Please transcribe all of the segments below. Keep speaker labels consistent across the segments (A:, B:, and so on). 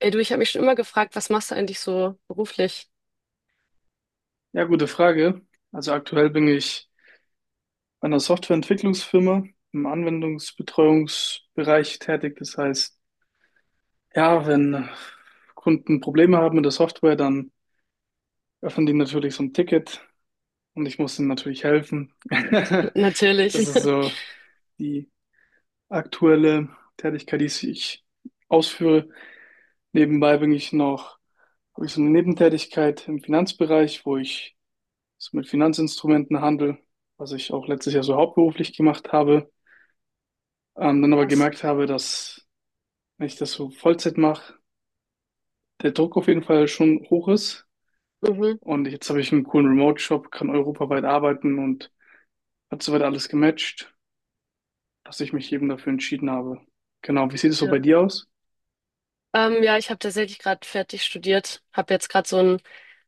A: Ey, du, ich habe mich schon immer gefragt, was machst du eigentlich so beruflich?
B: Ja, gute Frage. Also aktuell bin ich bei einer Softwareentwicklungsfirma im Anwendungsbetreuungsbereich tätig. Das heißt, ja, wenn Kunden Probleme haben mit der Software, dann öffnen die natürlich so ein Ticket und ich muss ihnen natürlich helfen.
A: Natürlich.
B: Das ist so die aktuelle Tätigkeit, die ich ausführe. Nebenbei habe ich so eine Nebentätigkeit im Finanzbereich, wo ich so mit Finanzinstrumentenhandel, was ich auch letztes Jahr so hauptberuflich gemacht habe. Dann aber
A: Was?
B: gemerkt habe, dass, wenn ich das so Vollzeit mache, der Druck auf jeden Fall schon hoch ist.
A: Mhm,
B: Und jetzt habe ich einen coolen Remote-Job, kann europaweit arbeiten und hat soweit alles gematcht, dass ich mich eben dafür entschieden habe. Genau, wie sieht es so bei
A: ja.
B: dir aus?
A: Ja, ich habe tatsächlich gerade fertig studiert, habe jetzt gerade so ein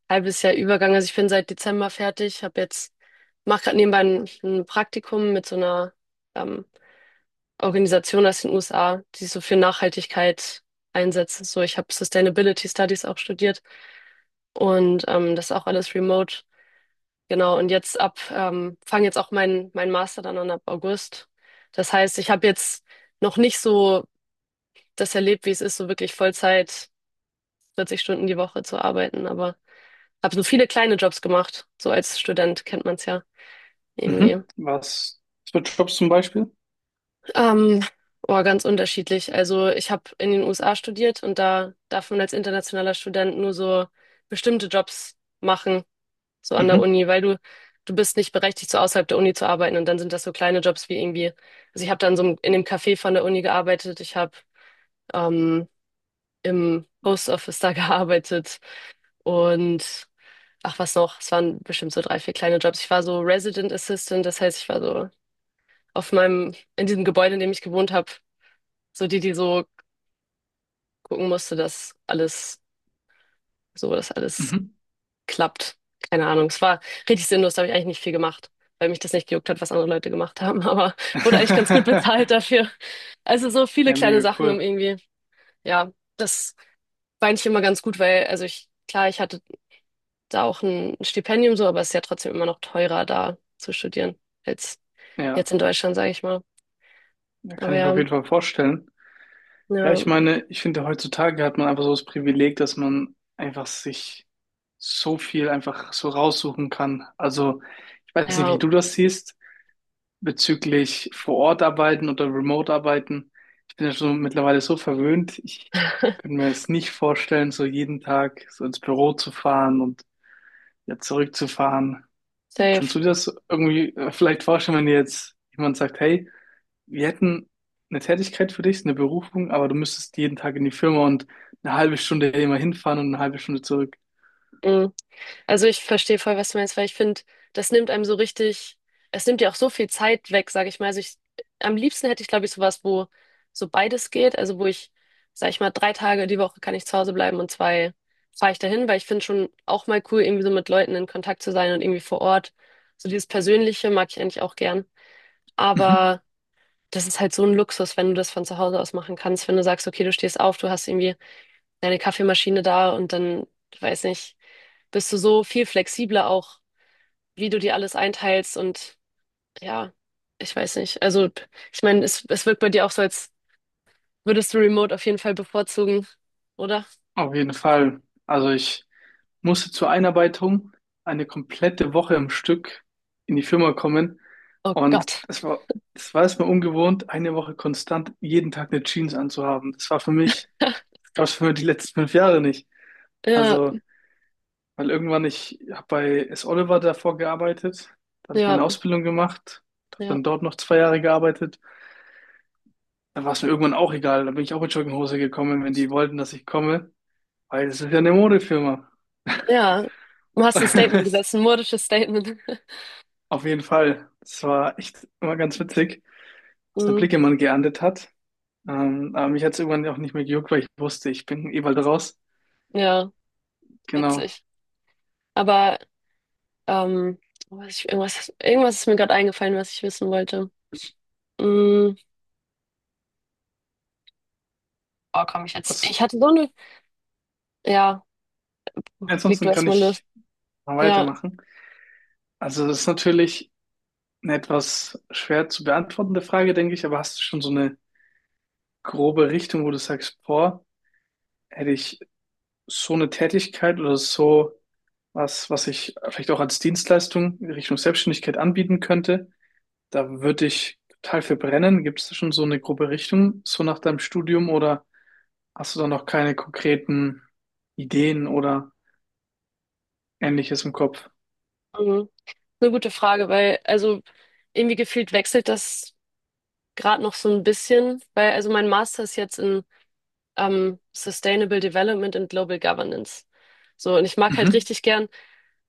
A: halbes Jahr Übergang. Also ich bin seit Dezember fertig, habe jetzt mache gerade nebenbei ein Praktikum mit so einer ähm, Organisation aus den USA, die so für Nachhaltigkeit einsetzt. So, ich habe Sustainability Studies auch studiert und das ist auch alles remote. Genau, und jetzt ab, fange jetzt auch mein Master dann an ab August. Das heißt, ich habe jetzt noch nicht so das erlebt, wie es ist, so wirklich Vollzeit 40 Stunden die Woche zu arbeiten, aber habe so viele kleine Jobs gemacht. So als Student kennt man es ja irgendwie.
B: Mhm. Was für Jobs zum Beispiel?
A: Ähm, oh, ganz unterschiedlich. Also ich habe in den USA studiert und da darf man als internationaler Student nur so bestimmte Jobs machen. So an der
B: Mhm.
A: Uni, weil du bist nicht berechtigt, so außerhalb der Uni zu arbeiten. Und dann sind das so kleine Jobs wie irgendwie, also ich habe dann so in dem Café von der Uni gearbeitet, ich habe ähm, im Post Office da gearbeitet und ach was noch, es waren bestimmt so drei, vier kleine Jobs. Ich war so Resident Assistant, das heißt, ich war so auf meinem, in diesem Gebäude, in dem ich gewohnt habe, so die, die so gucken musste, dass alles, so, dass alles
B: Mhm.
A: klappt. Keine Ahnung. Es war richtig sinnlos, da habe ich eigentlich nicht viel gemacht, weil mich das nicht gejuckt hat, was andere Leute gemacht haben. Aber wurde eigentlich ganz gut bezahlt dafür. Also so viele
B: Ja,
A: kleine
B: mega
A: Sachen um
B: cool.
A: irgendwie, ja, das war eigentlich immer ganz gut, weil, also ich, klar, ich hatte da auch ein Stipendium so, aber es ist ja trotzdem immer noch teurer, da zu studieren, als
B: Ja,
A: jetzt in Deutschland, sage ich mal.
B: da
A: Aber
B: kann ich mir auf
A: ja,
B: jeden Fall vorstellen. Ja,
A: ja,
B: ich meine, ich finde, heutzutage hat man einfach so das Privileg, dass man einfach sich so viel einfach so raussuchen kann. Also, ich weiß nicht, wie
A: ja,
B: du das siehst, bezüglich vor Ort arbeiten oder remote arbeiten. Ich bin ja schon mittlerweile so verwöhnt. Ich könnte mir es nicht vorstellen, so jeden Tag so ins Büro zu fahren und ja zurückzufahren. Kannst
A: safe.
B: du dir das irgendwie vielleicht vorstellen, wenn dir jetzt jemand sagt, hey, wir hätten eine Tätigkeit für dich, eine Berufung, aber du müsstest jeden Tag in die Firma und eine halbe Stunde immer hinfahren und eine halbe Stunde zurück.
A: Mm. Also ich verstehe voll, was du meinst, weil ich finde, das nimmt einem so richtig, es nimmt dir auch so viel Zeit weg, sage ich mal. Also ich, am liebsten hätte ich, glaube ich, sowas, wo so beides geht. Also wo ich, sage ich mal, drei Tage die Woche kann ich zu Hause bleiben und zwei fahre ich dahin, weil ich finde schon auch mal cool, irgendwie so mit Leuten in Kontakt zu sein und irgendwie vor Ort. So dieses Persönliche mag ich eigentlich auch gern.
B: Mhm.
A: Aber das ist halt so ein Luxus, wenn du das von zu Hause aus machen kannst, wenn du sagst, okay, du stehst auf, du hast irgendwie deine Kaffeemaschine da und dann, weiß nicht, bist du so viel flexibler auch wie du dir alles einteilst und ja, ich weiß nicht. Also, ich meine, es wirkt bei dir auch so, als würdest du Remote auf jeden Fall bevorzugen, oder?
B: Auf jeden Fall. Also ich musste zur Einarbeitung eine komplette Woche im Stück in die Firma kommen
A: Oh
B: und
A: Gott.
B: das war erstmal ungewohnt, eine Woche konstant jeden Tag eine Jeans anzuhaben. Das war für mich, das gab es für mich die letzten fünf Jahre nicht.
A: Ja,
B: Also weil irgendwann, ich habe bei S. Oliver davor gearbeitet, da hatte ich
A: ja,
B: meine Ausbildung gemacht, habe
A: ja.
B: dann dort noch zwei Jahre gearbeitet. Da war es mir irgendwann auch egal, da bin ich auch mit Jogginghose gekommen, wenn die wollten, dass ich komme, weil es ist ja eine Modefirma.
A: Ja, du hast ein Statement gesetzt, ein modisches Statement.
B: Auf jeden Fall, das war echt immer ganz witzig, was der
A: Hm,
B: Blicke man geerntet hat. Aber mich hat es irgendwann auch nicht mehr gejuckt, weil ich wusste, ich bin eh bald raus.
A: ja,
B: Genau.
A: witzig. Aber ähm, was ich, irgendwas, irgendwas ist mir gerade eingefallen, was ich wissen wollte. Hm, oh, komm ich jetzt.
B: Was,
A: Ich hatte so eine. Ja, leg du
B: Ansonsten kann
A: erst mal los.
B: ich mal
A: Ja.
B: weitermachen. Also das ist natürlich eine etwas schwer zu beantwortende Frage, denke ich, aber hast du schon so eine grobe Richtung, wo du sagst, boah, hätte ich so eine Tätigkeit oder so was, was ich vielleicht auch als Dienstleistung in Richtung Selbstständigkeit anbieten könnte, da würde ich total für brennen. Gibt es da schon so eine grobe Richtung, so nach deinem Studium oder hast du da noch keine konkreten Ideen oder Ähnliches im Kopf?
A: Mhm. Eine gute Frage, weil also irgendwie gefühlt wechselt das gerade noch so ein bisschen, weil also mein Master ist jetzt in Sustainable Development and Global Governance. So, und ich mag halt
B: Mhm.
A: richtig gern,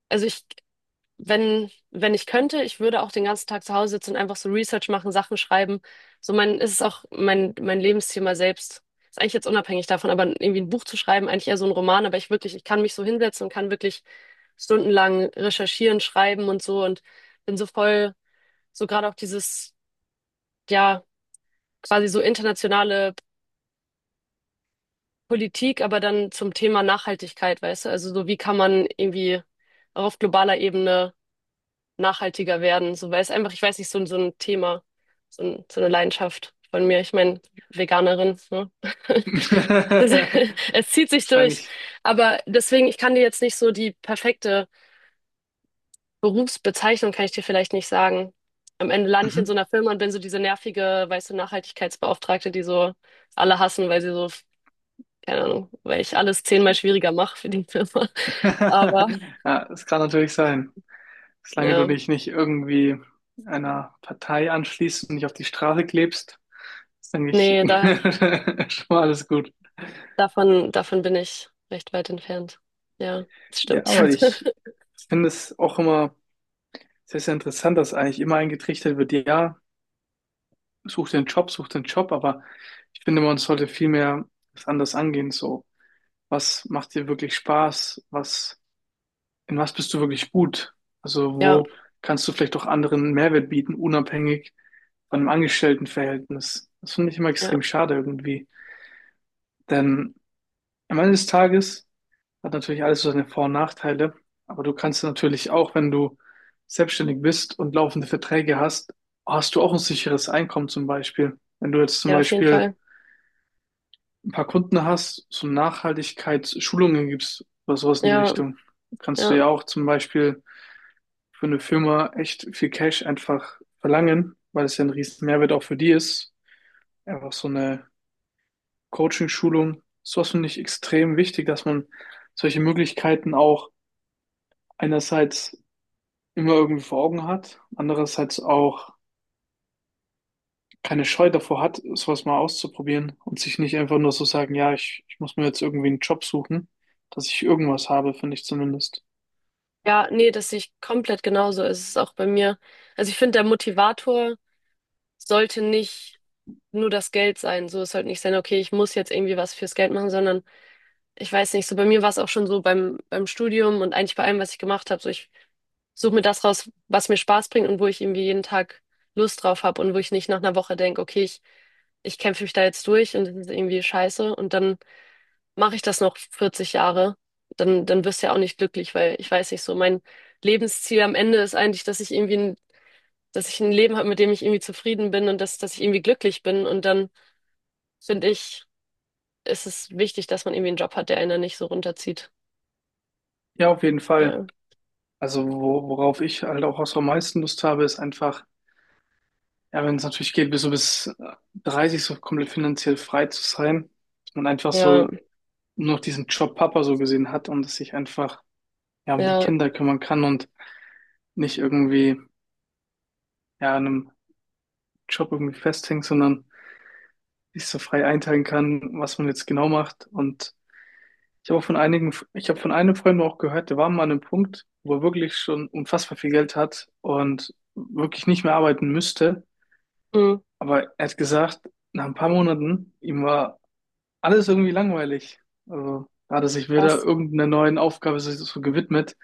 A: also ich, wenn, wenn ich könnte, ich würde auch den ganzen Tag zu Hause sitzen und einfach so Research machen, Sachen schreiben. So mein, ist es auch mein Lebensthema selbst. Ist eigentlich jetzt unabhängig davon, aber irgendwie ein Buch zu schreiben, eigentlich eher so ein Roman, aber ich wirklich, ich kann mich so hinsetzen und kann wirklich stundenlang recherchieren, schreiben und so und bin so voll so gerade auch dieses, ja, quasi so internationale Politik, aber dann zum Thema Nachhaltigkeit, weißt du? Also so, wie kann man irgendwie auch auf globaler Ebene nachhaltiger werden? So, weil es einfach, ich weiß nicht, so ein Thema, so, ein, so eine Leidenschaft von mir. Ich meine, Veganerin, ne? Das, es zieht sich durch.
B: Wahrscheinlich.
A: Aber deswegen, ich kann dir jetzt nicht so die perfekte Berufsbezeichnung kann ich dir vielleicht nicht sagen. Am Ende lande ich in so
B: Mhm.
A: einer Firma und bin so diese nervige, weißt du, Nachhaltigkeitsbeauftragte, die so alle hassen, weil sie so, keine Ahnung, weil ich alles 10-mal schwieriger mache für die Firma. Aber
B: Ja, das kann natürlich sein. Solange du
A: ja,
B: dich nicht irgendwie einer Partei anschließt und nicht auf die Straße klebst, ist, eigentlich
A: nee, da,
B: schon mal alles gut.
A: davon bin ich recht weit entfernt. Ja, das
B: Ja,
A: stimmt.
B: aber ich finde es auch immer sehr, sehr interessant, dass eigentlich immer eingetrichtert wird, ja, such den Job, aber ich finde, man sollte vielmehr das anders angehen, so. Was macht dir wirklich Spaß? Was in was bist du wirklich gut? Also
A: Ja,
B: wo kannst du vielleicht auch anderen Mehrwert bieten, unabhängig von einem Angestelltenverhältnis? Das finde ich immer
A: ja,
B: extrem schade irgendwie. Denn am Ende des Tages hat natürlich alles so seine Vor- und Nachteile, aber du kannst natürlich auch, wenn du selbstständig bist und laufende Verträge hast, hast du auch ein sicheres Einkommen zum Beispiel. Wenn du jetzt zum
A: ja, auf jeden
B: Beispiel
A: Fall.
B: ein paar Kunden hast, so Nachhaltigkeitsschulungen gibst oder sowas in die
A: Ja,
B: Richtung, kannst du
A: ja.
B: ja auch zum Beispiel für eine Firma echt viel Cash einfach verlangen, weil es ja ein riesen Mehrwert auch für die ist. Einfach so eine Coaching-Schulung. Sowas finde ich extrem wichtig, dass man solche Möglichkeiten auch einerseits immer irgendwie vor Augen hat, andererseits auch keine Scheu davor hat, sowas mal auszuprobieren und sich nicht einfach nur so sagen, ja, ich muss mir jetzt irgendwie einen Job suchen, dass ich irgendwas habe, finde ich zumindest.
A: Ja, nee, das sehe ich komplett genauso. Es ist auch bei mir. Also ich finde, der Motivator sollte nicht nur das Geld sein. So, es sollte nicht sein, okay, ich muss jetzt irgendwie was fürs Geld machen, sondern ich weiß nicht, so bei mir war es auch schon so beim, beim Studium und eigentlich bei allem, was ich gemacht habe. So, ich suche mir das raus, was mir Spaß bringt und wo ich irgendwie jeden Tag Lust drauf habe und wo ich nicht nach einer Woche denke, okay, ich kämpfe mich da jetzt durch und das ist irgendwie scheiße und dann mache ich das noch 40 Jahre. Dann wirst du ja auch nicht glücklich, weil ich weiß nicht so, mein Lebensziel am Ende ist eigentlich, dass ich irgendwie ein dass ich ein Leben habe, mit dem ich irgendwie zufrieden bin und dass, dass ich irgendwie glücklich bin. Und dann finde ich, ist es wichtig, dass man irgendwie einen Job hat, der einen nicht so runterzieht.
B: Ja, auf jeden Fall.
A: Ja,
B: Also wo, worauf ich halt auch so am meisten Lust habe, ist einfach ja, wenn es natürlich geht, bis 30 so komplett finanziell frei zu sein, dass man einfach so
A: ja,
B: nur noch diesen Job Papa so gesehen hat und dass sich einfach ja um die
A: ja,
B: Kinder kümmern kann und nicht irgendwie ja an einem Job irgendwie festhängt, sondern sich so frei einteilen kann, was man jetzt genau macht. Und ich habe von einem Freund auch gehört, der war mal an einem Punkt, wo er wirklich schon unfassbar viel Geld hat und wirklich nicht mehr arbeiten müsste.
A: hm,
B: Aber er hat gesagt, nach ein paar Monaten, ihm war alles irgendwie langweilig. Also, da hat er sich wieder
A: was,
B: irgendeiner neuen Aufgabe sich so gewidmet,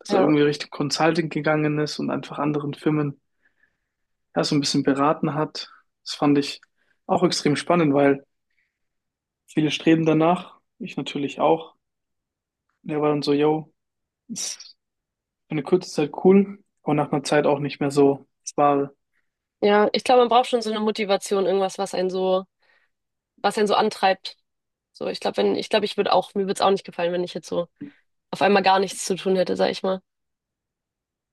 B: dass er
A: ja,
B: irgendwie Richtung Consulting gegangen ist und einfach anderen Firmen ja, so ein bisschen beraten hat. Das fand ich auch extrem spannend, weil viele streben danach, ich natürlich auch. Und er war dann so, yo, ist für eine kurze Zeit cool, aber nach einer Zeit auch nicht mehr so. Es war
A: ja. Ich glaube, man braucht schon so eine Motivation, irgendwas, was einen so antreibt. So, ich glaube, wenn, ich glaube, ich würde auch, mir würde es auch nicht gefallen, wenn ich jetzt so auf einmal gar nichts zu tun hätte, sag ich mal.